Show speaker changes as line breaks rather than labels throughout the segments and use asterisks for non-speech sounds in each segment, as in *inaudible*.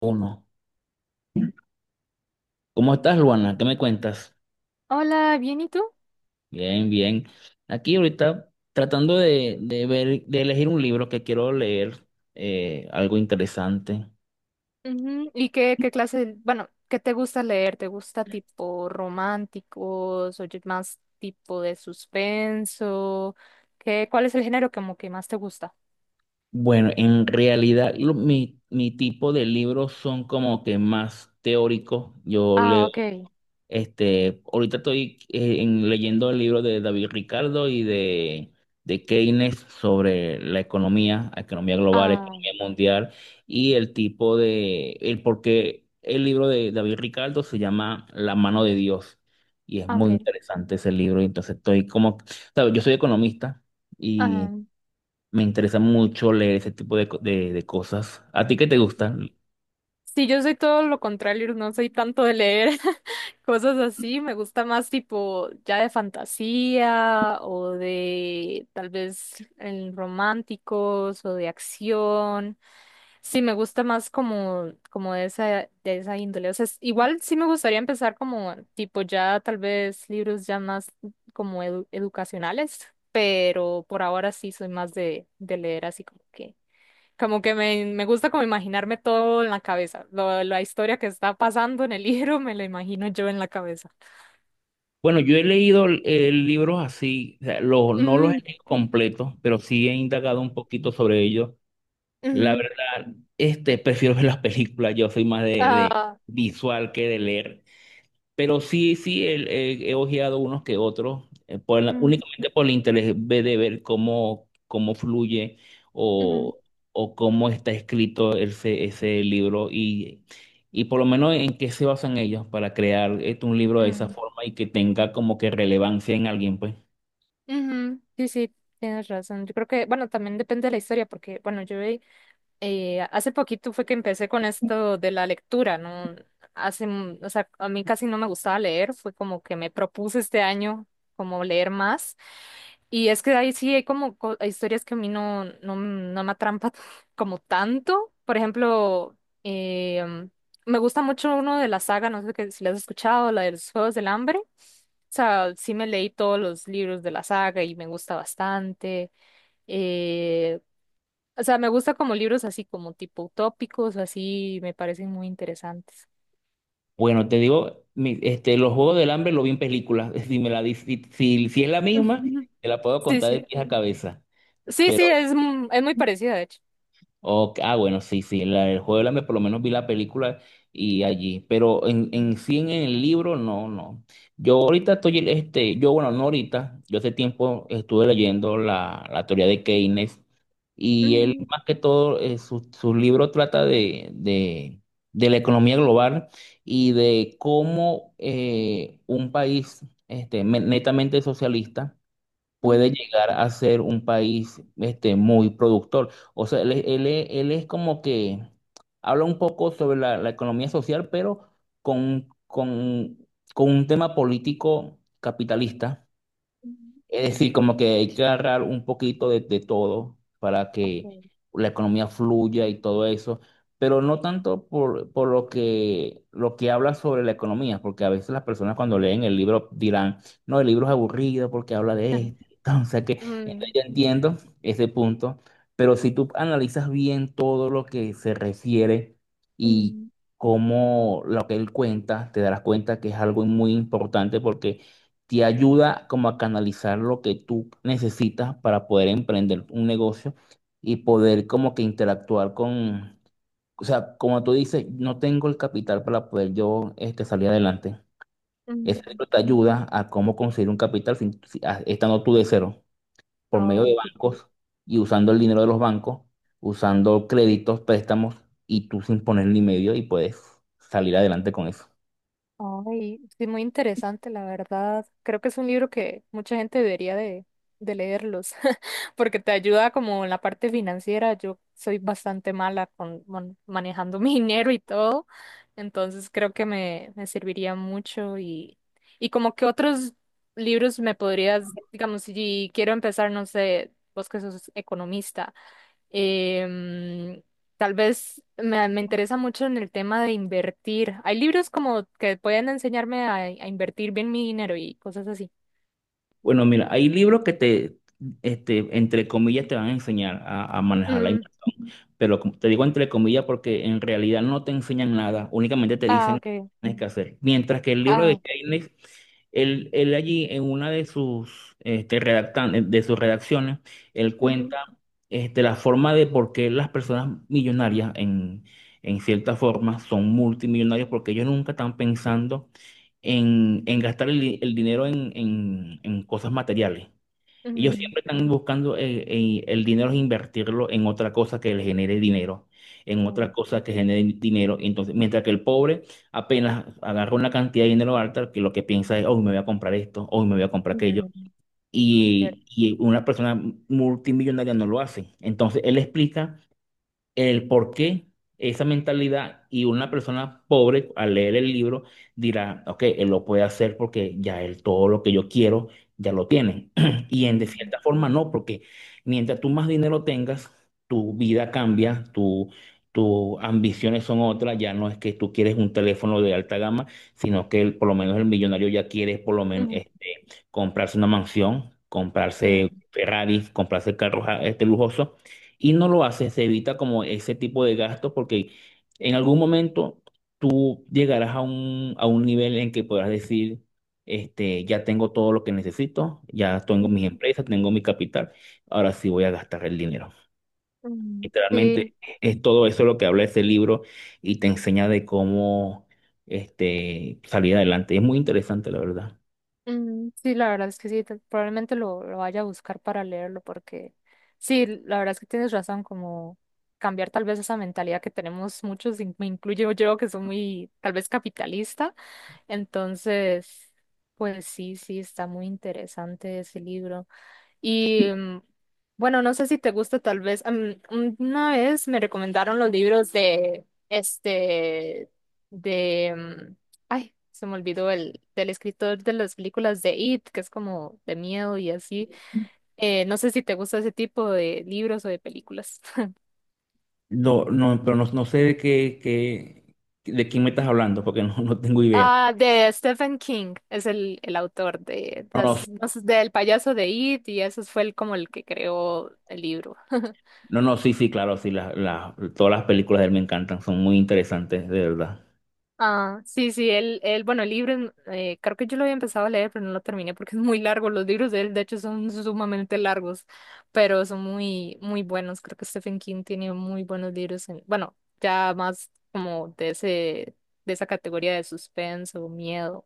Uno. ¿Cómo estás, Luana? ¿Qué me cuentas?
Hola, ¿bien y tú?
Bien, bien. Aquí ahorita tratando de ver, de elegir un libro que quiero leer, algo interesante.
Ujú. ¿Y qué, qué te gusta leer? ¿Te gusta tipo románticos o más tipo de suspenso? ¿Cuál es el género como que más te gusta?
Bueno, en realidad mi tipo de libros son como que más teóricos. Yo
Ah,
leo.
ok.
Ahorita estoy leyendo el libro de David Ricardo y de Keynes sobre la economía global,
Ah,
economía mundial y el tipo de, el por qué el libro de David Ricardo se llama La mano de Dios y es
ah,
muy
ok.
interesante ese libro. Entonces estoy como, sabes, yo soy economista
Ah,
y me interesa mucho leer ese tipo de cosas. ¿A ti qué te gusta?
sí, yo soy todo lo contrario, no soy tanto de leer *laughs* cosas así, me gusta más tipo ya de fantasía o de tal vez en románticos o de acción. Sí, me gusta más como de esa índole. O sea, igual sí me gustaría empezar como tipo ya tal vez libros ya más como educacionales, pero por ahora sí soy más de leer así como que me gusta como imaginarme todo en la cabeza. La historia que está pasando en el *laughs* libro me la imagino yo en la cabeza.
Bueno, yo he leído libros así, o sea, los, no los
Mm,
he leído completos, pero sí he indagado un poquito sobre ellos. La
ujú.
verdad, prefiero ver las películas. Yo soy más de
Ah,
visual que de leer. Pero sí, sí, he ojeado unos que otros, por la-
mm,
únicamente por el interés de ver cómo, cómo fluye
ujú,
o, o cómo está escrito ese libro y por lo menos en qué se basan ellos para crear un libro de esa
mm,
forma y que tenga como que relevancia en alguien, pues.
ujú. Sí, sí. Tienes razón. Yo creo que, bueno, también depende de la historia, porque, bueno, yo he hace poquito fue que empecé con esto de la lectura, ¿no? Hace, m- o sea, A mí casi no me gustaba leer, fue como que me propuse este año como leer más. Y es que ahí sí hay como hay historias que a mí no me atrampan *laughs* como tanto. Por ejemplo, em, me gusta mucho uno de la saga, no sé si la has escuchado, la de los Juegos del Hambre. O sea, sí me leí todos los libros de la saga y me gusta bastante. Eh, o sea, me gusta como libros así como tipo utópicos, así me parecen muy interesantes.
Bueno, te digo, los Juegos del Hambre lo vi en películas. *laughs* Si me la, di- si, si si es la
*laughs*
misma,
Ujú.
te la puedo
Sí,
contar de
sí.
pies a cabeza.
Es muy parecida, de hecho.
Ok, ah, bueno, sí, sí, el juego del hambre, por lo menos vi la película y allí, pero en sí en el libro, no, no. Yo ahorita estoy, no ahorita, yo hace tiempo estuve leyendo la teoría de Keynes y él,
Ujú,
más que todo, su libro trata de la economía global y de cómo un país netamente socialista puede
ujú,
llegar a ser un país muy productor. O sea, él es como que habla un poco sobre la economía social, pero con, con, con un tema político capitalista,
ujú.
es decir, como que hay que agarrar un poquito de todo para que
Okay.
la economía fluya y todo eso, pero no tanto por, lo que habla sobre la economía, porque a veces las personas cuando leen el libro dirán, no, el libro es aburrido porque habla
*laughs*
de
Ajá.
esto. *laughs* Entonces
Mm,
yo entiendo ese punto, pero si tú analizas bien todo lo que se refiere y
mm,
cómo lo que él cuenta, te darás cuenta que es algo muy importante porque te ayuda como a canalizar lo que tú necesitas para poder emprender un negocio y poder como que interactuar con, o sea, como tú dices, no tengo el capital para poder yo salir adelante. Ese
mm.
libro te ayuda a cómo conseguir un capital estando tú de cero, por medio
Oh,
de
ok.
bancos y usando el dinero de los bancos, usando créditos, préstamos y tú sin ponerle medio y puedes salir adelante con eso.
Ay, sí, muy interesante, la verdad. Creo que es un libro que mucha gente debería de leerlos, *laughs* porque te ayuda como en la parte financiera. Yo soy bastante mala con manejando *laughs* mi dinero y todo, entonces creo que me serviría mucho y como que otros libros me podrías, digamos, si quiero empezar, no sé, vos que sos economista. Em, Tal vez me interesa mucho en el tema de invertir. Hay libros como que pueden enseñarme a invertir bien mi dinero y cosas así.
Bueno, mira, hay libros que entre comillas, te van a enseñar a manejar la imagen.
Mm,
Pero como te digo entre comillas, porque en realidad no te enseñan nada, únicamente te
ah,
dicen lo que
okay.
tienes que hacer. Mientras que el libro de
Ah,
Keynes, él allí en una de de sus redacciones, él
ujú,
cuenta la forma de por qué las personas millonarias, en cierta forma, son multimillonarios, porque ellos nunca están pensando en gastar el dinero en cosas materiales. Ellos
mm,
siempre están buscando el dinero es invertirlo en otra cosa que le genere dinero, en otra
mm,
cosa que genere dinero. Entonces, mientras que el pobre apenas agarra una cantidad de dinero alta, que lo que piensa es, hoy me voy a comprar esto, hoy me voy a comprar aquello.
mm,
Y,
cierto,
y una persona multimillonaria no lo hace. Entonces, él explica el por qué esa mentalidad, y una persona pobre al leer el libro dirá, ok, él lo puede hacer porque ya él todo lo que yo quiero ya lo tiene. *clears throat* Y en de
mm,
cierta forma no, porque mientras tú más dinero tengas, tu vida cambia, tus ambiciones son otras, ya no es que tú quieres un teléfono de alta gama, sino que por lo menos el millonario ya quiere por lo menos
mm,
comprarse una mansión,
eh,
comprarse Ferrari, comprarse carros lujosos y no lo haces, se evita como ese tipo de gastos porque en algún momento tú llegarás a a un nivel en que podrás decir, ya tengo todo lo que necesito, ya tengo
mm,
mis empresas, tengo mi capital, ahora sí voy a gastar el dinero.
mm, sí.
Literalmente es todo eso lo que habla ese libro y te enseña de cómo salir adelante. Es muy interesante, la verdad.
Mm, sí, la verdad es que sí, probablemente lo vaya a buscar para leerlo porque sí, la verdad es que tienes razón, como cambiar tal vez esa mentalidad que tenemos muchos, me incluyo yo, que soy muy tal vez capitalista. Entonces, pues sí, sí, está muy interesante ese libro. Y mm, bueno, no sé si te gusta tal vez, una vez me recomendaron los libros de, este, de, mm, ay, se me olvidó del escritor de las películas de It, que es como de miedo y así. No sé si te gusta ese tipo de libros o de películas. *laughs*
No, no, pero no, no sé de qué, de quién me estás hablando, porque no, no tengo idea.
Ah, de Stephen King, es el autor de
No, no,
las, no sé, del payaso de It y eso fue el, como el que creó el libro. *laughs*
no, no, sí, sí, claro, sí, todas las películas de él me encantan, son muy interesantes, de verdad.
Ah, sí, sí, él, bueno, el libro, creo que yo lo había empezado a leer, pero no lo terminé porque es muy largo. Los libros de él, de hecho, son sumamente largos, pero son muy, muy buenos. Creo que Stephen King tiene muy buenos libros, bueno, ya más como de ese, de esa categoría de suspenso, miedo,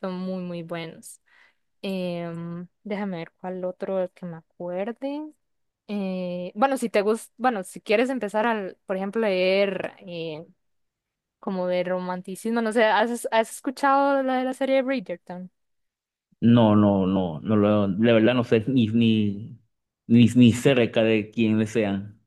son muy, muy buenos. Déjame ver cuál otro que me acuerde. Bueno, si te gusta, bueno, si quieres empezar al, por ejemplo, leer como de romanticismo, no sé, has escuchado la de la serie Bridgerton?
No, no, no, no, de verdad no sé ni, ni, ni, ni cerca de quiénes sean.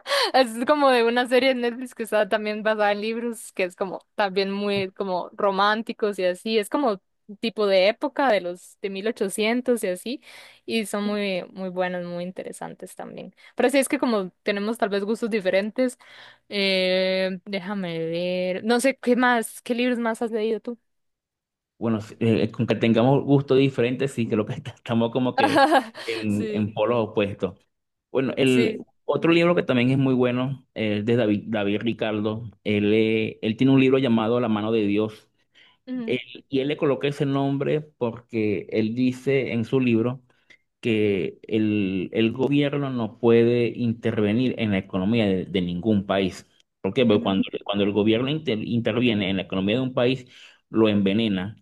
*laughs* Es como de una serie de Netflix que está también basada en libros, que es como también muy como románticos y así, es como tipo de época de los de 1800 y así, y son muy muy buenos, muy interesantes también. Pero sí es que como tenemos tal vez gustos diferentes, déjame ver, no sé qué más, qué libros más has leído tú.
Bueno, sí, con que tengamos gustos diferentes, sí, creo que *laughs* estamos como que
*laughs* Sí,
en polos opuestos. Bueno, el
sí.
otro libro que también es muy bueno, es de David Ricardo. Él, él tiene un libro llamado La mano de Dios.
Ujú,
Y él le coloca ese nombre porque él dice en su libro que el gobierno no puede intervenir en la economía de ningún país. ¿Por qué? Porque
ujú,
cuando el gobierno interviene en la economía de un país, lo envenena,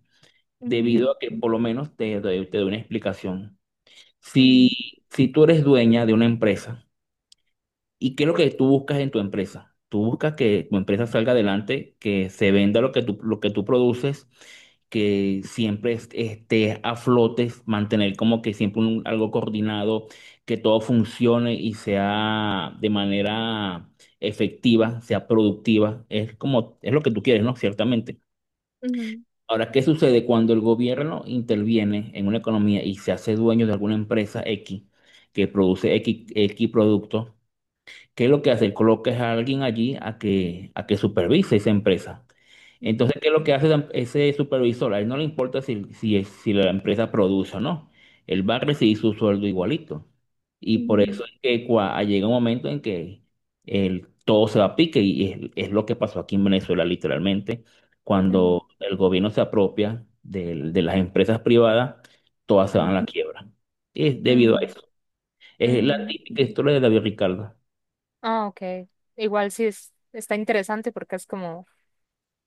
debido
ujú,
a que por lo menos doy te doy una explicación.
ujú.
Si tú eres dueña de una empresa, ¿y qué es lo que tú buscas en tu empresa? Tú buscas que tu empresa salga adelante, que se venda lo que lo que tú produces, que siempre estés a flote, mantener como que siempre algo coordinado, que todo funcione y sea de manera efectiva, sea productiva. Es como, es lo que tú quieres, ¿no? Ciertamente.
Ujú,
Ahora, ¿qué sucede cuando el gobierno interviene en una economía y se hace dueño de alguna empresa X que produce X productos? ¿Qué es lo que hace? Colocas a alguien allí a que supervise esa empresa.
ujú,
Entonces, ¿qué es lo que hace ese supervisor? A él no le importa si la empresa produce o no. Él va a recibir su sueldo igualito. Y por
ujú,
eso es que llega un momento en que todo se va a pique y es lo que pasó aquí en Venezuela literalmente.
ujú,
Cuando el gobierno se apropia de las empresas privadas, todas se van a la quiebra. Es debido a
ujú,
eso.
ujú,
Es la
ujú.
típica historia de David Ricardo.
Ah, okay. Igual sí es, está interesante porque es como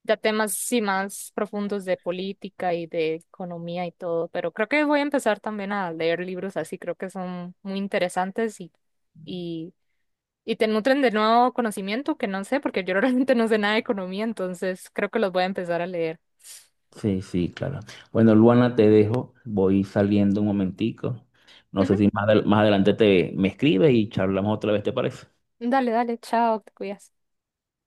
ya temas sí más profundos de política y de economía y todo, pero creo que voy a empezar también a leer libros así, creo que son muy interesantes y, y te nutren de nuevo conocimiento que no sé, porque yo *laughs* realmente no sé nada de economía, entonces creo que los voy a empezar a leer.
Sí, sí, claro. Bueno, Luana, te dejo. Voy saliendo un momentico. No sé
Ujú.
si más, más adelante te me escribes y charlamos otra vez, ¿te parece?
Dale, dale, chao, te cuidas.